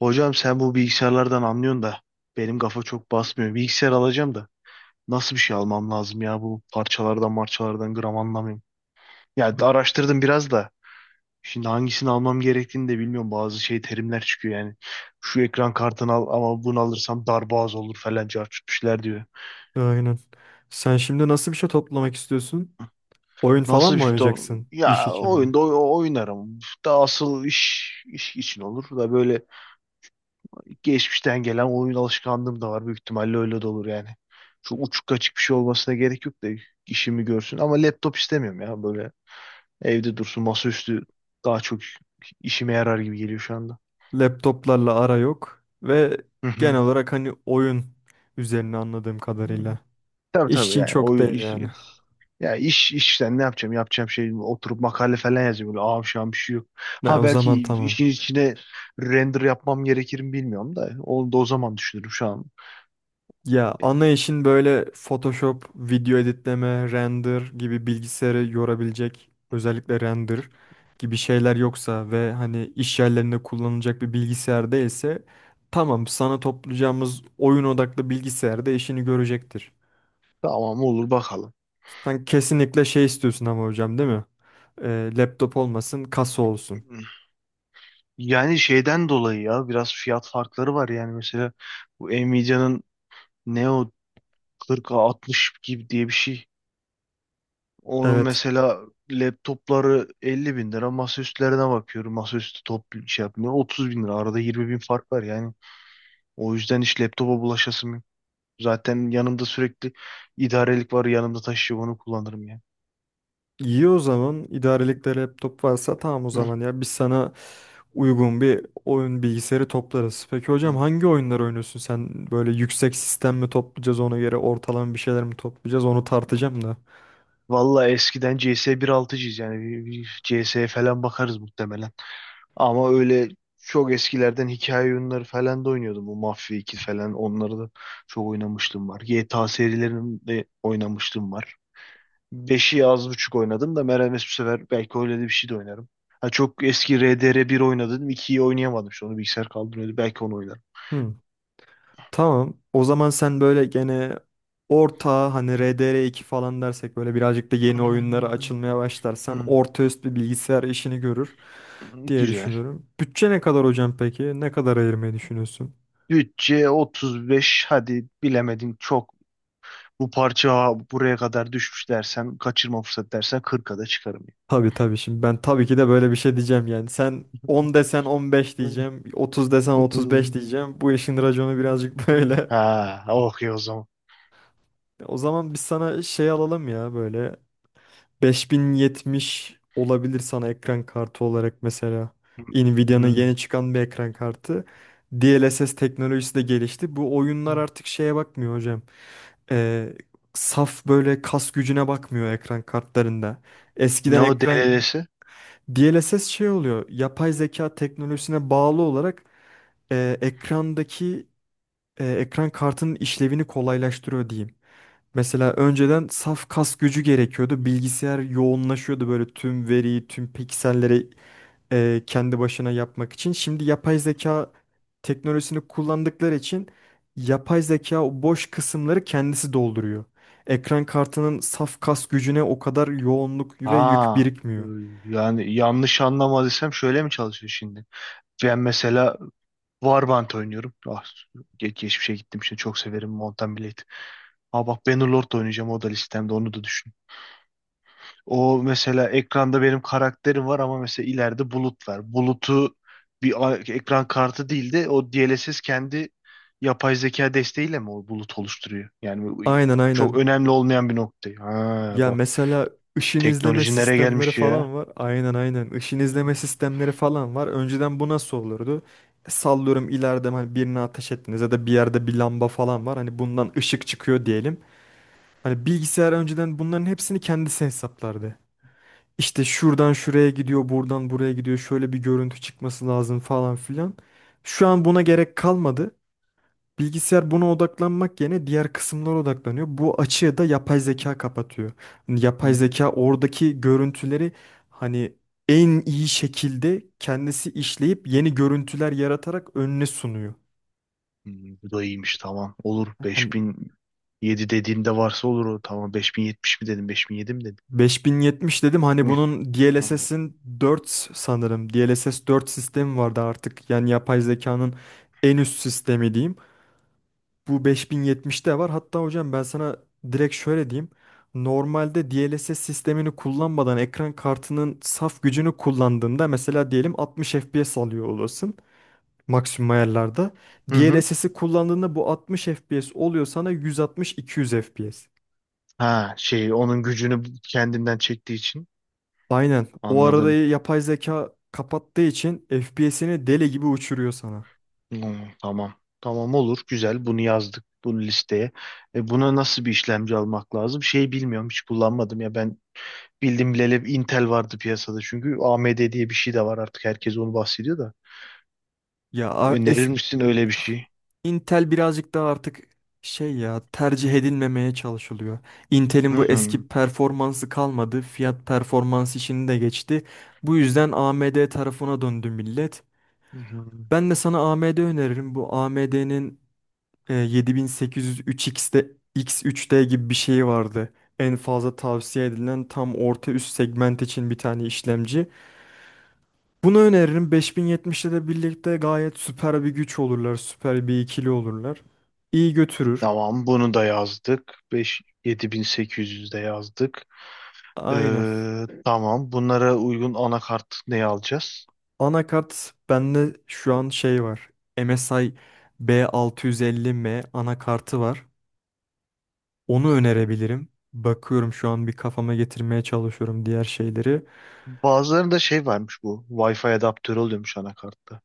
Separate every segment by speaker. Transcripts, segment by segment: Speaker 1: Hocam sen bu bilgisayarlardan anlıyorsun da benim kafa çok basmıyor. Bilgisayar alacağım da nasıl bir şey almam lazım ya bu parçalardan marçalardan gram anlamıyorum. Ya da araştırdım biraz da şimdi hangisini almam gerektiğini de bilmiyorum. Bazı şey terimler çıkıyor yani. Şu ekran kartını al ama bunu alırsam darboğaz olur falan cartçutmuşlar diyor.
Speaker 2: Aynen. Sen şimdi nasıl bir şey toplamak istiyorsun? Oyun
Speaker 1: Nasıl
Speaker 2: falan
Speaker 1: bir
Speaker 2: mı
Speaker 1: şey?
Speaker 2: oynayacaksın? İş
Speaker 1: Ya
Speaker 2: için mi?
Speaker 1: oyunda oynarım. Da asıl iş için olur da böyle geçmişten gelen oyun alışkanlığım da var. Büyük ihtimalle öyle de olur yani. Çok uçuk kaçık bir şey olmasına gerek yok da işimi görsün. Ama laptop istemiyorum ya böyle evde dursun masaüstü daha çok işime yarar gibi geliyor şu anda.
Speaker 2: Laptoplarla ara yok ve
Speaker 1: Hı hı.
Speaker 2: genel olarak hani oyun üzerine anladığım
Speaker 1: Hı.
Speaker 2: kadarıyla.
Speaker 1: Tabii
Speaker 2: İş
Speaker 1: tabii
Speaker 2: için
Speaker 1: yani
Speaker 2: çok
Speaker 1: oyun
Speaker 2: değil
Speaker 1: iş,
Speaker 2: yani.
Speaker 1: ya işten ne yapacağım şey oturup makale falan yazacağım böyle ağam şu an bir şey yok.
Speaker 2: Ne
Speaker 1: Ha
Speaker 2: o zaman
Speaker 1: belki
Speaker 2: tamam.
Speaker 1: işin içine render yapmam gerekir mi bilmiyorum da onu da o zaman düşünürüm şu an.
Speaker 2: Ya ana işin böyle Photoshop, video editleme, render gibi bilgisayarı yorabilecek özellikle render gibi şeyler yoksa ve hani iş yerlerinde kullanılacak bir bilgisayar değilse tamam sana toplayacağımız oyun odaklı bilgisayarda işini görecektir.
Speaker 1: Tamam olur bakalım.
Speaker 2: Sen kesinlikle şey istiyorsun ama hocam değil mi? Laptop olmasın, kasa olsun.
Speaker 1: Hmm. Yani şeyden dolayı ya biraz fiyat farkları var yani mesela bu Nvidia'nın Neo 40-60 gibi diye bir şey. Onun
Speaker 2: Evet.
Speaker 1: mesela laptopları 50 bin lira masaüstlerine bakıyorum. Masaüstü top şey yapmıyor. 30 bin lira arada 20 bin fark var yani. O yüzden hiç laptopa bulaşasım yok. Zaten yanımda sürekli idarelik var yanımda taşıyor onu kullanırım yani.
Speaker 2: İyi o zaman. İdarelikte laptop varsa tamam o
Speaker 1: Hı,
Speaker 2: zaman ya. Biz sana uygun bir oyun bilgisayarı toplarız. Peki
Speaker 1: hı.
Speaker 2: hocam hangi oyunlar oynuyorsun sen? Böyle yüksek sistem mi toplayacağız ona göre ortalama bir şeyler mi toplayacağız onu tartacağım da.
Speaker 1: Vallahi eskiden CS 1.6'cıyız yani bir CS falan bakarız muhtemelen. Ama öyle çok eskilerden hikaye oyunları falan da oynuyordum. Bu Mafya 2 falan onları da çok oynamışlığım var. GTA serilerini de oynamışlığım var. 5'i az buçuk oynadım da Meral bu sefer belki öyle de bir şey de oynarım. Ha, çok eski RDR bir oynadım. 2'yi oynayamadım. İşte onu bilgisayar kaldırıyordu. Belki onu oynarım.
Speaker 2: Hı, tamam. O zaman sen böyle gene orta hani RDR2 falan dersek böyle birazcık da yeni oyunlara açılmaya başlarsan
Speaker 1: Hmm.
Speaker 2: orta üst bir bilgisayar işini görür diye
Speaker 1: Güzel.
Speaker 2: düşünüyorum. Bütçe ne kadar hocam peki? Ne kadar ayırmayı düşünüyorsun?
Speaker 1: Bütçe 35. Hadi bilemedin çok. Bu parça buraya kadar düşmüş dersen, kaçırma fırsat dersen 40'a da çıkarım.
Speaker 2: Tabii tabii şimdi ben tabii ki de böyle bir şey diyeceğim yani. Sen 10 desen 15 diyeceğim, 30 desen 35
Speaker 1: Hmm.
Speaker 2: diyeceğim. Bu işin raconu birazcık
Speaker 1: Hı.
Speaker 2: böyle.
Speaker 1: Ha, okuyor o zaman.
Speaker 2: O zaman biz sana şey alalım ya böyle 5070 olabilir sana ekran kartı olarak mesela.
Speaker 1: Hı.
Speaker 2: Nvidia'nın
Speaker 1: Hı.
Speaker 2: yeni çıkan bir ekran kartı. DLSS teknolojisi de gelişti. Bu oyunlar artık şeye bakmıyor hocam. Ee, Saf böyle kas gücüne bakmıyor ekran kartlarında.
Speaker 1: Ne
Speaker 2: Eskiden
Speaker 1: o
Speaker 2: ekran
Speaker 1: DLL'si?
Speaker 2: DLSS şey oluyor. Yapay zeka teknolojisine bağlı olarak ekrandaki ekran kartının işlevini kolaylaştırıyor diyeyim. Mesela önceden saf kas gücü gerekiyordu. Bilgisayar yoğunlaşıyordu böyle tüm veriyi, tüm pikselleri kendi başına yapmak için. Şimdi yapay zeka teknolojisini kullandıkları için yapay zeka o boş kısımları kendisi dolduruyor. Ekran kartının saf kas gücüne o kadar yoğunluk ve yük
Speaker 1: Ha, e,
Speaker 2: birikmiyor.
Speaker 1: yani yanlış anlamadıysam şöyle mi çalışıyor şimdi? Ben mesela Warband oynuyorum. Ah, geçmişe gittim şimdi çok severim Mountain Blade. Ha bak Bannerlord da oynayacağım o da listemde onu da. O mesela ekranda benim karakterim var ama mesela ileride bulut var. Bulutu ekran kartı değil de o DLSS kendi yapay zeka desteğiyle mi o bulut oluşturuyor? Yani bu
Speaker 2: Aynen,
Speaker 1: çok
Speaker 2: aynen.
Speaker 1: önemli olmayan bir nokta. Ha
Speaker 2: Ya
Speaker 1: bak
Speaker 2: mesela ışın izleme
Speaker 1: teknoloji nereye
Speaker 2: sistemleri
Speaker 1: gelmiş ya?
Speaker 2: falan var. Aynen, aynen. Işın izleme sistemleri falan var. Önceden bu nasıl olurdu? Sallıyorum ileride hani birine ateş ettiniz ya da bir yerde bir lamba falan var. Hani bundan ışık çıkıyor diyelim. Hani bilgisayar önceden bunların hepsini kendisi hesaplardı. İşte şuradan şuraya gidiyor, buradan buraya gidiyor. Şöyle bir görüntü çıkması lazım falan filan. Şu an buna gerek kalmadı. Bilgisayar buna odaklanmak yerine diğer kısımlara odaklanıyor. Bu açığı da yapay zeka kapatıyor. Hani yapay
Speaker 1: Hmm.
Speaker 2: zeka oradaki görüntüleri hani en iyi şekilde kendisi işleyip yeni görüntüler yaratarak önüne sunuyor.
Speaker 1: Bu da iyiymiş tamam. Olur
Speaker 2: Hani
Speaker 1: 5007 dediğinde varsa olur o. Tamam 5070 mi dedim 5007 mi dedim.
Speaker 2: 5070 dedim hani
Speaker 1: Hı.
Speaker 2: bunun
Speaker 1: Anladım.
Speaker 2: DLSS'in 4 sanırım. DLSS 4 sistemi vardı artık. Yani yapay zekanın en üst sistemi diyeyim. Bu 5070 de var. Hatta hocam ben sana direkt şöyle diyeyim. Normalde DLSS sistemini kullanmadan ekran kartının saf gücünü kullandığında mesela diyelim 60 FPS alıyor olasın maksimum ayarlarda.
Speaker 1: Hı. Hı.
Speaker 2: DLSS'i kullandığında bu 60 FPS oluyor sana 160-200 FPS.
Speaker 1: Ha şey onun gücünü kendinden çektiği için
Speaker 2: Aynen. O arada
Speaker 1: anladım.
Speaker 2: yapay zeka kapattığı için FPS'ini deli gibi uçuruyor sana.
Speaker 1: Tamam. Tamam olur güzel bunu yazdık bunu listeye. E, buna nasıl bir işlemci almak lazım? Şey bilmiyorum hiç kullanmadım ya ben bildim bileli Intel vardı piyasada çünkü AMD diye bir şey de var artık herkes onu bahsediyor da.
Speaker 2: Ya a-
Speaker 1: Önerir
Speaker 2: es-
Speaker 1: misin öyle bir şey?
Speaker 2: Intel birazcık daha artık şey ya tercih edilmemeye çalışılıyor. Intel'in bu
Speaker 1: Hmm.
Speaker 2: eski performansı kalmadı. Fiyat performans işini de geçti. Bu yüzden AMD tarafına döndü millet.
Speaker 1: Hı hı.
Speaker 2: Ben de sana AMD öneririm. Bu AMD'nin 7800 3X'de X3D gibi bir şeyi vardı. En fazla tavsiye edilen tam orta üst segment için bir tane işlemci. Bunu öneririm. 5070'le de birlikte gayet süper bir güç olurlar. Süper bir ikili olurlar. İyi götürür.
Speaker 1: Tamam bunu da yazdık. 5 7800 de yazdık.
Speaker 2: Aynen.
Speaker 1: Tamam bunlara uygun anakart ne alacağız?
Speaker 2: Anakart bende şu an şey var. MSI B650M anakartı var. Onu önerebilirim. Bakıyorum şu an bir kafama getirmeye çalışıyorum diğer şeyleri.
Speaker 1: Bazılarında şey varmış bu. Wi-Fi adaptörü oluyormuş anakartta.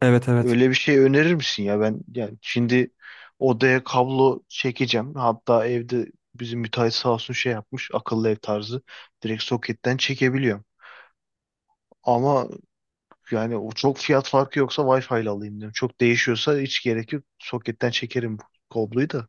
Speaker 2: Evet, evet.
Speaker 1: Öyle bir şey önerir misin ya? Ben yani şimdi odaya kablo çekeceğim. Hatta evde bizim müteahhit sağ olsun şey yapmış. Akıllı ev tarzı. Direkt soketten çekebiliyorum. Ama yani o çok fiyat farkı yoksa Wi-Fi ile alayım diyorum. Çok değişiyorsa hiç gerek yok. Soketten çekerim bu kabloyu da.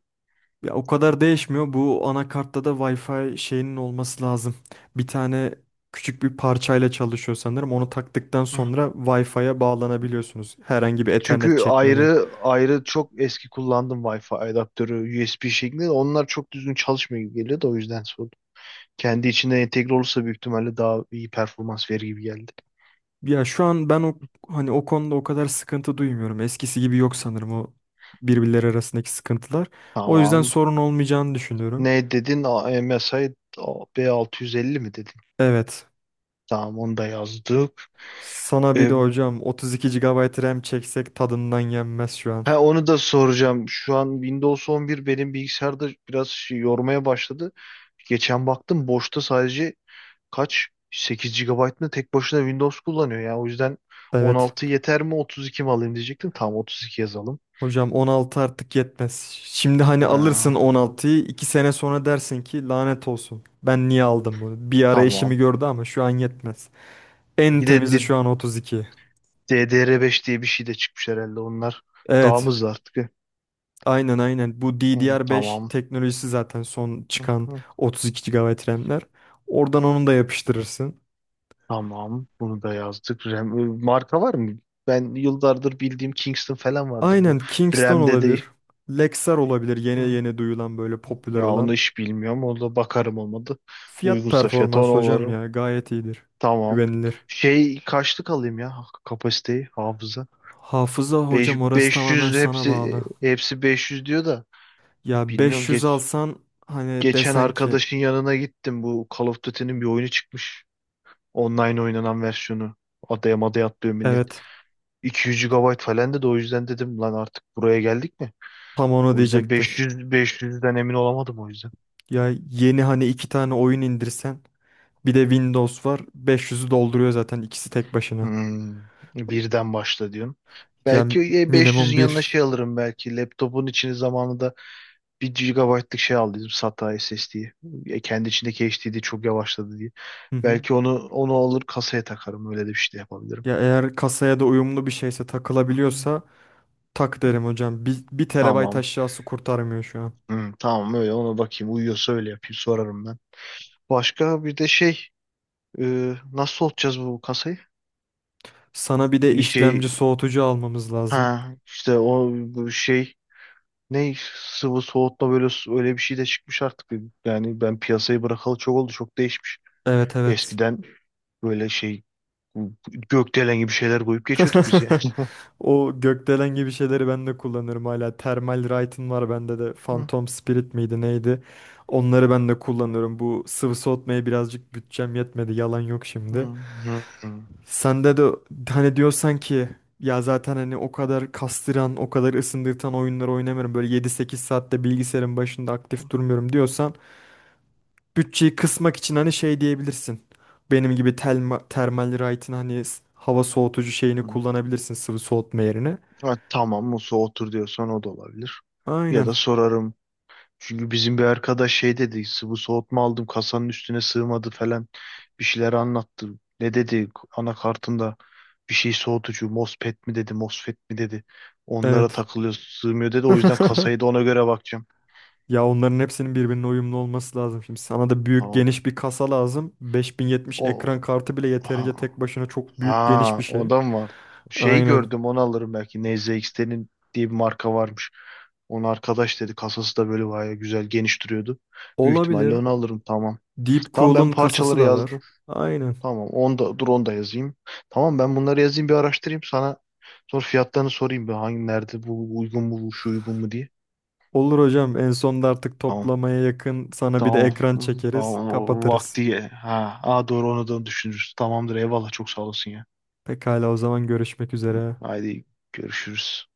Speaker 2: Ya o kadar değişmiyor. Bu anakartta da Wi-Fi şeyinin olması lazım. Bir tane küçük bir parçayla çalışıyor sanırım. Onu taktıktan sonra Wi-Fi'ye bağlanabiliyorsunuz. Herhangi bir Ethernet
Speaker 1: Çünkü
Speaker 2: çekmeden.
Speaker 1: ayrı ayrı çok eski kullandım Wi-Fi adaptörü USB şeklinde. Onlar çok düzgün çalışmıyor gibi geliyor da o yüzden sordum. Kendi içine entegre olursa büyük ihtimalle daha iyi performans verir gibi geldi.
Speaker 2: Ya şu an ben o hani o konuda o kadar sıkıntı duymuyorum. Eskisi gibi yok sanırım o birbirleri arasındaki sıkıntılar. O yüzden
Speaker 1: Tamam.
Speaker 2: sorun olmayacağını düşünüyorum.
Speaker 1: Ne dedin? MSI B650 mi dedin?
Speaker 2: Evet.
Speaker 1: Tamam onu da yazdık.
Speaker 2: Sana bir
Speaker 1: E,
Speaker 2: de hocam 32 GB RAM çeksek tadından yenmez şu an.
Speaker 1: ha, onu da soracağım. Şu an Windows 11 benim bilgisayarda biraz şey yormaya başladı. Geçen baktım boşta sadece kaç 8 gigabayt mı tek başına Windows kullanıyor ya. O yüzden
Speaker 2: Evet.
Speaker 1: 16 yeter mi 32 mi alayım diyecektim. Tamam 32 yazalım.
Speaker 2: Hocam 16 artık yetmez. Şimdi hani alırsın
Speaker 1: Ha,
Speaker 2: 16'yı 2 sene sonra dersin ki lanet olsun. Ben niye aldım bunu? Bir ara eşimi
Speaker 1: tamam.
Speaker 2: gördü ama şu an yetmez. En
Speaker 1: Bir de
Speaker 2: temizi şu an 32.
Speaker 1: DDR5 diye bir şey de çıkmış herhalde. Onlar daha mı
Speaker 2: Evet.
Speaker 1: hızlı artık.
Speaker 2: Aynen, aynen. Bu
Speaker 1: Hı,
Speaker 2: DDR5
Speaker 1: tamam.
Speaker 2: teknolojisi zaten son
Speaker 1: Hı,
Speaker 2: çıkan
Speaker 1: hı.
Speaker 2: 32 GB RAM'ler. Oradan onu da yapıştırırsın.
Speaker 1: Tamam. Bunu da yazdık. RAM, marka var mı? Ben yıllardır bildiğim Kingston falan vardır bu.
Speaker 2: Aynen, Kingston
Speaker 1: RAM'de de.
Speaker 2: olabilir. Lexar olabilir. Yeni
Speaker 1: Hı.
Speaker 2: yeni duyulan böyle popüler
Speaker 1: Ya onu
Speaker 2: olan.
Speaker 1: hiç bilmiyorum. Orada bakarım olmadı.
Speaker 2: Fiyat
Speaker 1: Uygunsa fiyatı onu.
Speaker 2: performans hocam ya gayet iyidir.
Speaker 1: Tamam.
Speaker 2: Güvenilir.
Speaker 1: Şey kaçlık alayım ya, kapasiteyi, hafıza.
Speaker 2: Hafıza hocam orası tamamen
Speaker 1: 500
Speaker 2: sana
Speaker 1: hepsi
Speaker 2: bağlı.
Speaker 1: hepsi 500 diyor da
Speaker 2: Ya
Speaker 1: bilmiyorum
Speaker 2: 500 alsan hani
Speaker 1: geçen
Speaker 2: desen ki
Speaker 1: arkadaşın yanına gittim bu Call of Duty'nin bir oyunu çıkmış. Online oynanan versiyonu. Adaya madaya atlıyor millet.
Speaker 2: evet,
Speaker 1: 200 GB falan dedi o yüzden dedim lan artık buraya geldik mi?
Speaker 2: tam onu
Speaker 1: O yüzden
Speaker 2: diyecektim.
Speaker 1: beş yüzden emin olamadım o yüzden.
Speaker 2: Ya yeni hani iki tane oyun indirsen bir de Windows var 500'ü dolduruyor zaten ikisi tek başına.
Speaker 1: Hmm, birden başla diyorsun.
Speaker 2: Ya
Speaker 1: Belki beş
Speaker 2: minimum
Speaker 1: yüzün yanına
Speaker 2: bir.
Speaker 1: şey alırım belki laptopun içini zamanında 1 GB'lik şey aldıydım SATA SSD'yi. Kendi içindeki HDD çok yavaşladı diye.
Speaker 2: Hı hı.
Speaker 1: Belki onu alır kasaya takarım. Öyle de bir şey de yapabilirim.
Speaker 2: Ya eğer kasaya da uyumlu bir şeyse takılabiliyorsa tak derim hocam. Bir, bir terabayt
Speaker 1: Tamam.
Speaker 2: aşağısı kurtarmıyor şu an.
Speaker 1: Hı, tamam öyle ona bakayım. Uyuyorsa öyle yapayım. Sorarım ben. Başka bir de şey, e, nasıl soğutacağız bu kasayı?
Speaker 2: Sana bir de
Speaker 1: Bir şey,
Speaker 2: işlemci soğutucu almamız lazım.
Speaker 1: ha işte o bu şey ne, sıvı soğutma böyle, öyle bir şey de çıkmış artık. Yani ben piyasayı bırakalı çok oldu. Çok değişmiş.
Speaker 2: Evet, evet.
Speaker 1: Eskiden böyle şey gökdelen gibi şeyler koyup geçiyorduk biz yani.
Speaker 2: O gökdelen gibi şeyleri ben de kullanırım hala. Thermal Right'ın var bende de.
Speaker 1: Hı,
Speaker 2: Phantom Spirit miydi neydi? Onları ben de kullanıyorum. Bu sıvı soğutmaya birazcık bütçem yetmedi. Yalan yok
Speaker 1: hı,
Speaker 2: şimdi.
Speaker 1: hı, hı,
Speaker 2: Sende de hani diyorsan ki ya zaten hani o kadar kastıran, o kadar ısındırtan oyunları oynamıyorum. Böyle yedi sekiz saatte bilgisayarın başında aktif durmuyorum diyorsan bütçeyi kısmak için hani şey diyebilirsin. Benim gibi Thermal Right'in hani hava soğutucu şeyini
Speaker 1: hı.
Speaker 2: kullanabilirsin sıvı soğutma yerine.
Speaker 1: Ha, tamam Musa otur diyorsan o da olabilir. Ya
Speaker 2: Aynen.
Speaker 1: da sorarım. Çünkü bizim bir arkadaş şey dedi. Bu soğutma aldım kasanın üstüne sığmadı falan. Bir şeyler anlattı. Ne dedi anakartında bir şey soğutucu MOSFET mi dedi MOSFET mi dedi. Onlara
Speaker 2: Evet.
Speaker 1: takılıyor sığmıyor dedi. O yüzden kasayı da ona göre bakacağım.
Speaker 2: Ya onların hepsinin
Speaker 1: Hı.
Speaker 2: birbirine uyumlu olması lazım. Şimdi sana da büyük
Speaker 1: Tamam.
Speaker 2: geniş bir kasa lazım. Beş bin yetmiş
Speaker 1: O,
Speaker 2: ekran kartı bile
Speaker 1: ha,
Speaker 2: yeterince tek başına çok büyük geniş bir
Speaker 1: ha,
Speaker 2: şey.
Speaker 1: ondan var. Şey
Speaker 2: Aynen.
Speaker 1: gördüm onu alırım belki. NZXT'nin diye bir marka varmış. Onu arkadaş dedi. Kasası da böyle bayağı güzel geniş duruyordu. Büyük ihtimalle
Speaker 2: Olabilir.
Speaker 1: onu alırım tamam.
Speaker 2: Deep
Speaker 1: Tamam ben
Speaker 2: Cool'un kasası
Speaker 1: parçaları
Speaker 2: da
Speaker 1: yazdım.
Speaker 2: var. Aynen.
Speaker 1: Tamam onu da, dur onu da yazayım. Tamam ben bunları yazayım bir araştırayım sana. Sonra fiyatlarını sorayım bir hangi nerede bu uygun mu bu şu uygun mu diye.
Speaker 2: Olur hocam. En sonda artık
Speaker 1: Tamam.
Speaker 2: toplamaya yakın sana bir de
Speaker 1: Tamam.
Speaker 2: ekran çekeriz,
Speaker 1: Tamam. O
Speaker 2: kapatırız.
Speaker 1: vakti. Ha. Aa, doğru onu da düşünürüz. Tamamdır eyvallah çok sağ olasın ya.
Speaker 2: Pekala, o zaman görüşmek üzere.
Speaker 1: Haydi görüşürüz.